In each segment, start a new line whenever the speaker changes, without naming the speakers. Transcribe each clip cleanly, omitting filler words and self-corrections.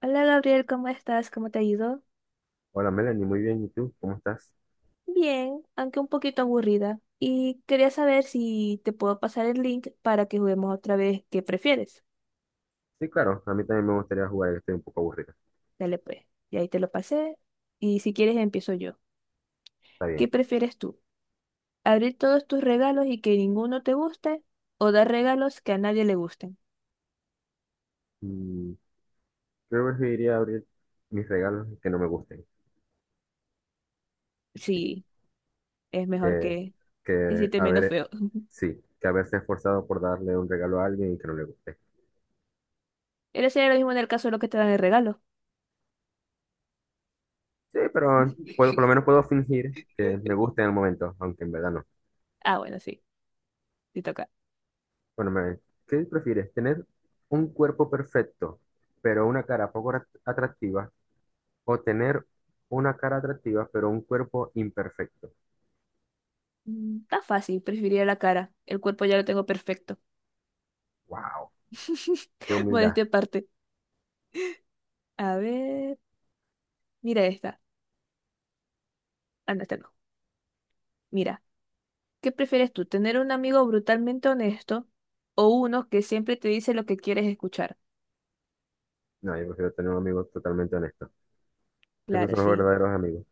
Hola Gabriel, ¿cómo estás? ¿Cómo te ha ido?
Hola Melanie, muy bien. ¿Y tú? ¿Cómo estás?
Bien, aunque un poquito aburrida. Y quería saber si te puedo pasar el link para que juguemos otra vez. ¿Qué prefieres?
Sí, claro, a mí también me gustaría jugar, que estoy un poco aburrido.
Dale pues. Y ahí te lo pasé. Y si quieres empiezo yo.
Está
¿Qué
bien.
prefieres tú? ¿Abrir todos tus regalos y que ninguno te guste? ¿O dar regalos que a nadie le gusten?
Mm, creo que iría a abrir mis regalos que no me gusten.
Sí, es mejor
Que,
que
que
hiciste menos
haber,
feo.
sí, que haberse esforzado por darle un regalo a alguien y que no le guste.
Pero sería lo mismo en el caso de lo que te dan el regalo.
Sí, pero por lo menos puedo fingir que me gusta en el momento, aunque en verdad no.
Ah, bueno, sí, te toca.
Bueno, Melanie, ¿qué prefieres? ¿Tener un cuerpo perfecto, pero una cara poco atractiva? ¿O tener una cara atractiva, pero un cuerpo imperfecto?
Está fácil, preferiría la cara. El cuerpo ya lo tengo perfecto.
¡Wow! Qué humildad.
Modestia aparte. A ver, mira esta. Ah, no, esta no. Mira, ¿qué prefieres tú? ¿Tener un amigo brutalmente honesto o uno que siempre te dice lo que quieres escuchar?
No, yo prefiero tener un amigo totalmente honesto. Esos
Claro,
son los
sí.
verdaderos amigos.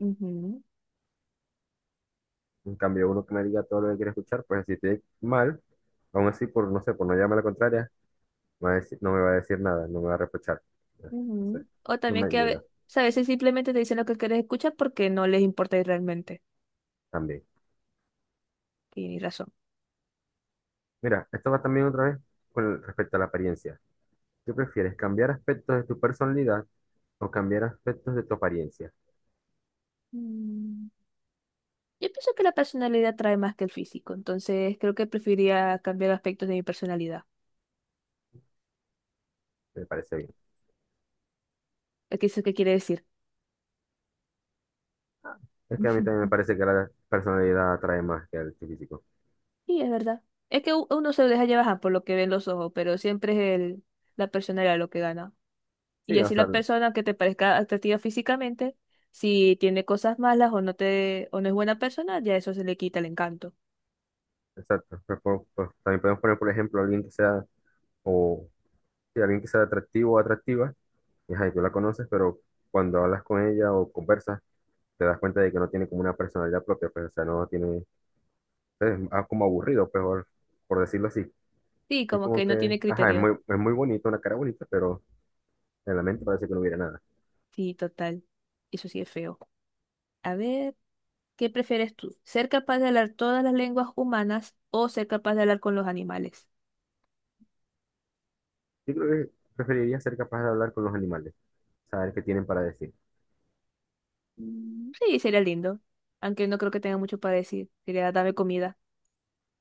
Ujú,
En cambio, uno que me diga todo lo que quiere escuchar, pues si estoy mal, aún así, por no sé, por no llamarme la contraria, me va a decir- no me va a decir nada, no me va a reprochar. No
ujú.
sé,
O
no
también
me
que
ayuda
o sea, a veces simplemente te dicen lo que quieres escuchar porque no les importa y realmente.
también.
Tienes razón.
Mira, esto va también otra vez con respecto a la apariencia. ¿Qué prefieres, cambiar aspectos de tu personalidad o cambiar aspectos de tu apariencia?
Mm, Yo pienso que la personalidad trae más que el físico, entonces creo que preferiría cambiar aspectos de mi personalidad.
Me parece bien.
¿Qué es eso que quiere decir?
Es que a mí también me parece que la personalidad atrae más que el físico.
Sí, es verdad. Es que uno se deja llevar ajá, por lo que ven los ojos, pero siempre es la personalidad lo que gana. Y
Sí, o
así
sea.
la persona que te parezca atractiva físicamente, si tiene cosas malas o no te, o no es buena persona, ya eso se le quita el encanto.
Exacto. Pues, pues, también podemos poner, por ejemplo, alguien que sea, o sí, alguien que sea atractivo o atractiva, y ajá, y tú la conoces, pero cuando hablas con ella o conversas, te das cuenta de que no tiene como una personalidad propia, pues, o sea, no tiene, pues, es como aburrido, pues, por decirlo así.
Sí,
Es
como
como
que no
que,
tiene
ajá, es
criterio.
muy, es muy bonito, una cara bonita, pero en la mente parece que no hubiera nada.
Sí, total. Eso sí es feo. A ver, ¿qué prefieres tú? ¿Ser capaz de hablar todas las lenguas humanas o ser capaz de hablar con los animales?
Yo creo que preferiría ser capaz de hablar con los animales, saber qué tienen para decir.
Mm, Sí, sería lindo. Aunque no creo que tenga mucho para decir. Sería dame comida.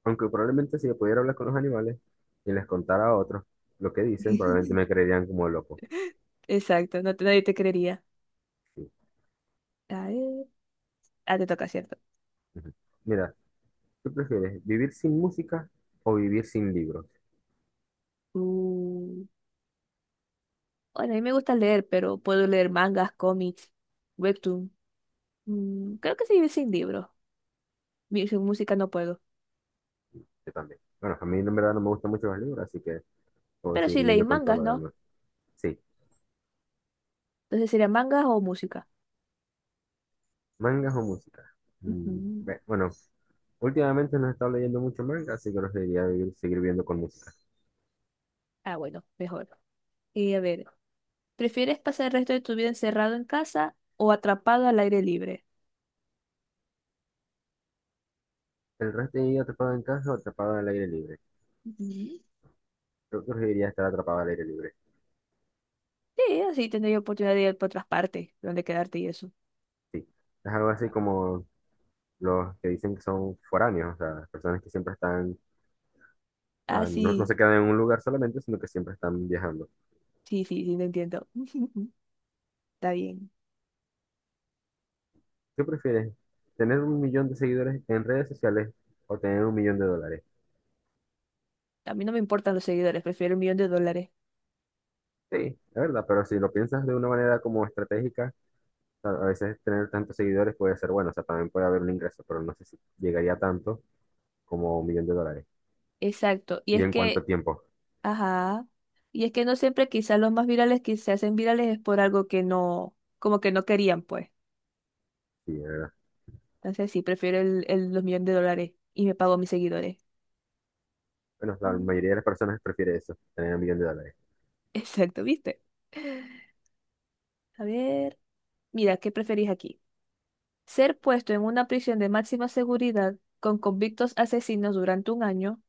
Aunque probablemente si yo pudiera hablar con los animales y les contara a otros lo que dicen, probablemente me creerían como loco.
Exacto, no te, nadie te creería.
Sí.
A ver, ah, te toca, ¿cierto?
Ujú. Mira, ¿qué prefieres? ¿Vivir sin música o vivir sin libros?
Mm, bueno, a mí me gusta leer, pero puedo leer mangas, cómics, webtoon. Creo que se vive sin libros. Sin música no puedo.
Yo también. Bueno, a mí en verdad no me gustan mucho los libros, así que puedo
Pero
seguir
si leí
viviendo con todo
mangas,
lo
¿no?
demás. Sí,
Entonces sería mangas o música.
mangas o música.
Ujú.
Bueno, últimamente no he estado leyendo mucho manga, así que preferiría seguir viviendo con música.
Ah, bueno, mejor. Y a ver, ¿prefieres pasar el resto de tu vida encerrado en casa o atrapado al aire libre?
¿El resto de mi vida atrapado en casa o atrapado al aire libre?
Ujú.
Yo preferiría estar atrapado al aire libre.
Sí, así tendría oportunidad de ir por otras partes, donde quedarte y eso.
Sí, es algo así como los que dicen que son foráneos, o sea, personas que siempre están,
Ah,
no, no
sí,
se quedan en un lugar solamente, sino que siempre están viajando.
sí, sí, sí, lo entiendo. Está bien.
¿Qué prefieres? ¿Tener un millón de seguidores en redes sociales o tener un millón de dólares?
A mí no me importan los seguidores, prefiero 1 millón de dólares.
Sí, es verdad, pero si lo piensas de una manera como estratégica, a veces tener tantos seguidores puede ser bueno, o sea, también puede haber un ingreso, pero no sé si llegaría a tanto como un millón de dólares.
Exacto. Y
¿Y
es
en cuánto
que,
tiempo?
ajá. Y es que no siempre quizás los más virales que se hacen virales es por algo que no, como que no querían, pues.
Sí, es verdad.
Entonces sí, prefiero los millones de dólares y me pago a mis seguidores.
Bueno, la
Mm.
mayoría de las personas prefiere eso, tener un millón de dólares.
Exacto, ¿viste? A ver. Mira, ¿qué preferís aquí? ¿Ser puesto en una prisión de máxima seguridad con convictos asesinos durante un año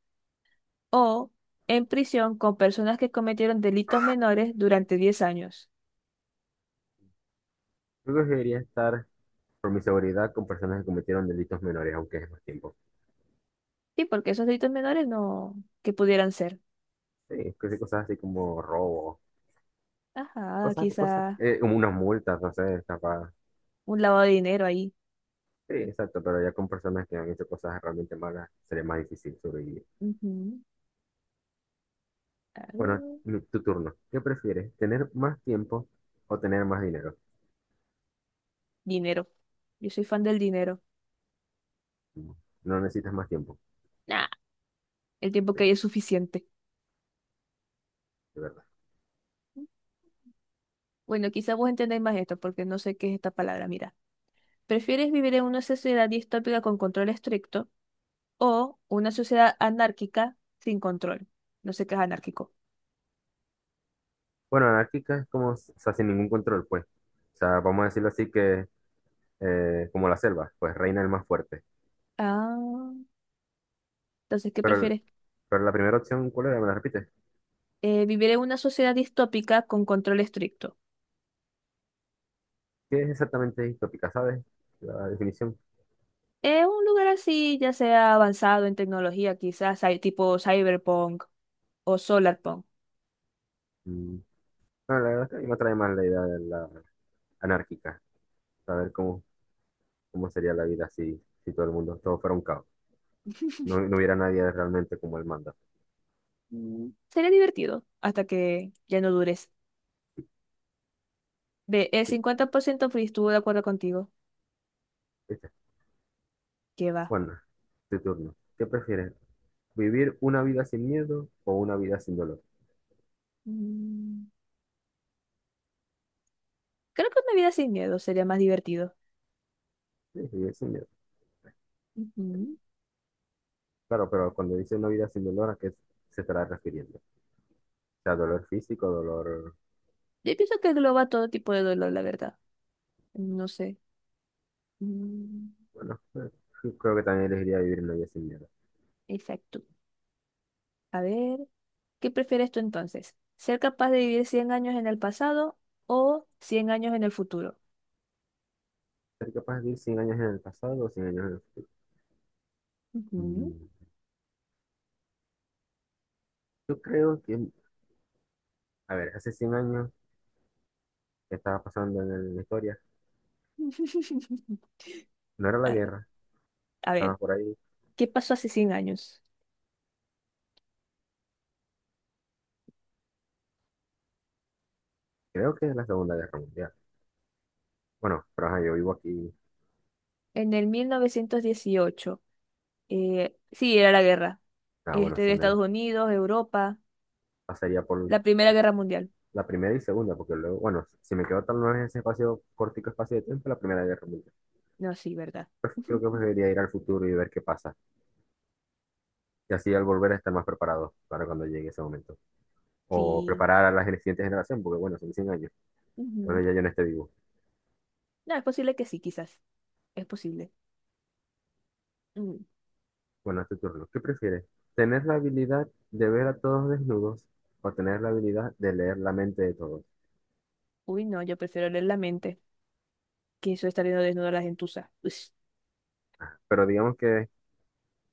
o en prisión con personas que cometieron delitos menores durante 10 años?
Yo preferiría estar, por mi seguridad, con personas que cometieron delitos menores, aunque es más tiempo.
Sí, porque esos delitos menores no, que pudieran ser.
Sí, cosas así como robo,
Ajá, quizá
como unas multas, no sé, capaz.
un lavado de dinero ahí.
Sí, exacto, pero ya con personas que han hecho cosas realmente malas sería más difícil sobrevivir.
Ujú,
Bueno,
claro.
tu turno. ¿Qué prefieres? ¿Tener más tiempo o tener más dinero?
Dinero. Yo soy fan del dinero.
Mm, No necesitas más tiempo.
Nah, el tiempo
Sí,
que hay
de
es suficiente.
verdad.
Bueno, quizá vos entendáis más esto, porque no sé qué es esta palabra. Mira, ¿prefieres vivir en una sociedad distópica con control estricto o una sociedad anárquica sin control? No sé qué es anárquico.
Bueno, anárquica es como, o sea, sin ningún control, pues. O sea, vamos a decirlo así que, como la selva, pues reina el más fuerte.
Ah, entonces, ¿qué
Pero,
prefieres?
pero, la primera opción, ¿cuál era? ¿Me la repites?
Vivir en una sociedad distópica con control estricto.
¿Qué es exactamente distópica, sabes? La definición.
Es un lugar así, ya sea avanzado en tecnología, quizás hay tipo cyberpunk o solarpunk.
Mm, Bueno, la verdad es que a mí me atrae más la idea de la anárquica. Saber cómo sería la vida si todo el mundo, todo fuera un caos. No, no hubiera nadie realmente como él manda.
Sería divertido hasta que ya no dures. Ve, el 50% free, estuvo de acuerdo contigo.
Dice,
¿Qué va?
Juana, tu turno. ¿Qué prefieres? ¿Vivir una vida sin miedo o una vida sin dolor?
Mm, Creo que una vida sin miedo sería más divertido.
Sí, vivir sin miedo.
Ujú.
Claro, pero cuando dice una vida sin dolor, ¿a qué se estará refiriendo? O sea, dolor físico, dolor.
Yo pienso que engloba todo tipo de dolor, la verdad. No sé. Mm,
Bueno, yo creo que también elegiría vivir una vida sin miedo.
Exacto. A ver, ¿qué prefieres tú entonces? ¿Ser capaz de vivir 100 años en el pasado o 100 años en el futuro?
¿Ser capaz de vivir 100 años en el pasado o 100 años en el futuro?
Ujú.
Mm, Yo creo que, a ver, hace 100 años que estaba pasando en la historia, no era la
A
guerra,
a
estaba
ver,
por ahí.
¿qué pasó hace 100 años?
Creo que es la Segunda Guerra Mundial. Bueno, pero ajá, yo vivo aquí.
En el 1918, sí, era la guerra.
Ah, bueno,
Este, de
se me
Estados Unidos, Europa,
pasaría por
la Primera Guerra Mundial.
la primera y segunda, porque luego, bueno, si me quedo tal vez en ese espacio, cortico espacio de tiempo, la Primera Guerra Mundial.
No, sí, ¿verdad?
Pues creo que preferiría ir al futuro y ver qué pasa. Y así al volver estar más preparado para cuando llegue ese momento. O
Sí.
preparar a la siguiente generación, porque bueno, son 100 años. Entonces
Ujú.
ya yo no esté vivo.
No, es posible que sí, quizás. Es posible. Mm.
Bueno, es tu turno. ¿Qué prefieres? ¿Tener la habilidad de ver a todos desnudos o tener la habilidad de leer la mente de todos?
Uy, no, yo prefiero leer la mente que eso de estar viendo desnuda a la gentuza. Ush.
Pero digamos que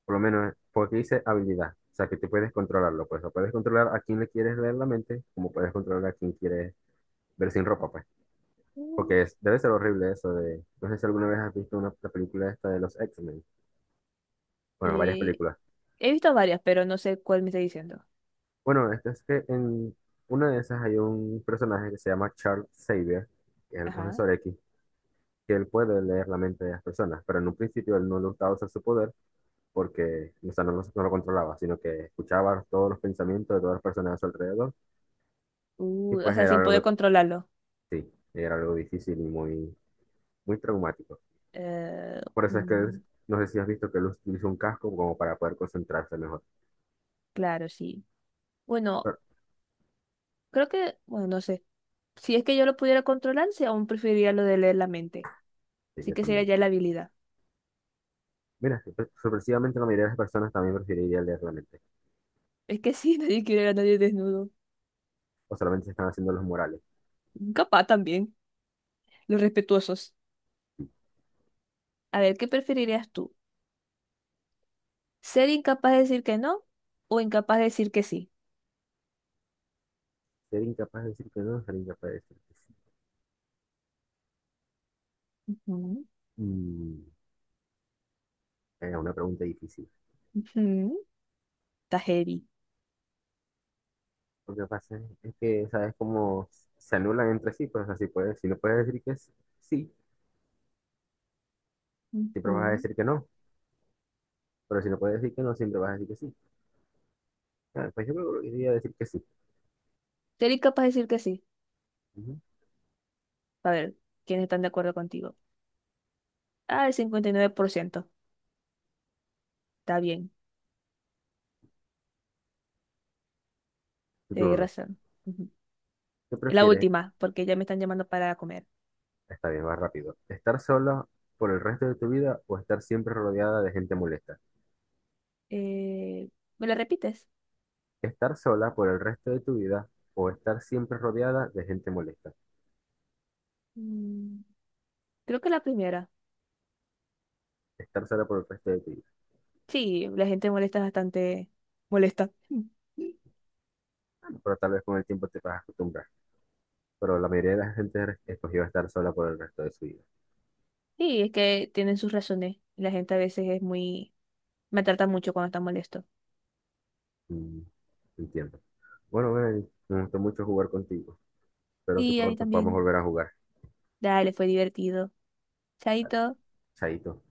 Por lo menos, porque dice habilidad. O sea, que tú puedes controlarlo, pues. O puedes controlar a quién le quieres leer la mente, como puedes controlar a quién quieres ver sin ropa, pues.
Mm.
Porque debe ser horrible eso de. No sé si alguna vez has visto la película esta de los X-Men. Bueno, varias
Eh,
películas.
He visto varias, pero no sé cuál me está diciendo.
Bueno, esto es que en una de esas hay un personaje que se llama Charles Xavier, que es el
Ajá.
profesor X, que él puede leer la mente de las personas, pero en un principio él no le gustaba usar su poder porque, o sea, no, no lo controlaba, sino que escuchaba todos los pensamientos de todas las personas a su alrededor y
Uh, o
pues
sea,
era
sin poder
algo.
controlarlo.
Sí, era algo difícil y muy, muy traumático.
Eh,
Por eso es que
mm,
no sé si has visto que él utilizó un casco como para poder concentrarse mejor.
claro, sí. Bueno,
Pero
creo que, bueno, no sé. Si es que yo lo pudiera controlar, sí, aún preferiría lo de leer la mente.
sí,
Así
yo
que sería
también.
ya la habilidad.
Mira, sorpresivamente la mayoría de las personas también preferiría leer la mente.
Es que sí, nadie quiere ver a nadie desnudo.
O solamente se están haciendo los morales.
Capaz también, los respetuosos. A ver, ¿qué preferirías tú? ¿Ser incapaz de decir que no o incapaz de decir que sí?
Ser incapaz de decir que no, ser incapaz de decir que sí.
Ujú,
Mm, era una pregunta difícil.
ujú. Está heavy.
Lo que pasa es que, ¿sabes cómo se anulan entre sí? Pues así puedes. Si no puedes decir que es sí, siempre vas a
Ujú.
decir que no. Pero si no puedes decir que no, siempre vas a decir que sí. Pues yo creo que debería decir que sí.
Ser incapaz de decir que sí.
Ujú.
A ver, ¿quiénes están de acuerdo contigo? Ah, el 59%. Está bien,
Tu
tenés
turno.
razón.
¿Qué
La
prefieres?
última, porque ya me están llamando para comer.
Está bien, va rápido. ¿Estar sola por el resto de tu vida o estar siempre rodeada de gente molesta?
Eh, ¿Me la repites?
¿Estar sola por el resto de tu vida o estar siempre rodeada de gente molesta?
Mm, Creo que la primera.
Estar sola por el resto de tu vida.
Sí, la gente molesta bastante. Molesta. Mm.
Pero tal vez con el tiempo te vas a acostumbrar. Pero la mayoría de la gente escogió estar sola por el resto de su vida.
Sí, es que tienen sus razones. La gente a veces es muy. Me trata mucho cuando está molesto.
Mm, entiendo. Bueno, Melanie, me gustó mucho jugar contigo. Espero que
Y a mí
pronto podamos
también.
volver a jugar.
Dale, fue divertido.
Vale,
Chaito.
chaito.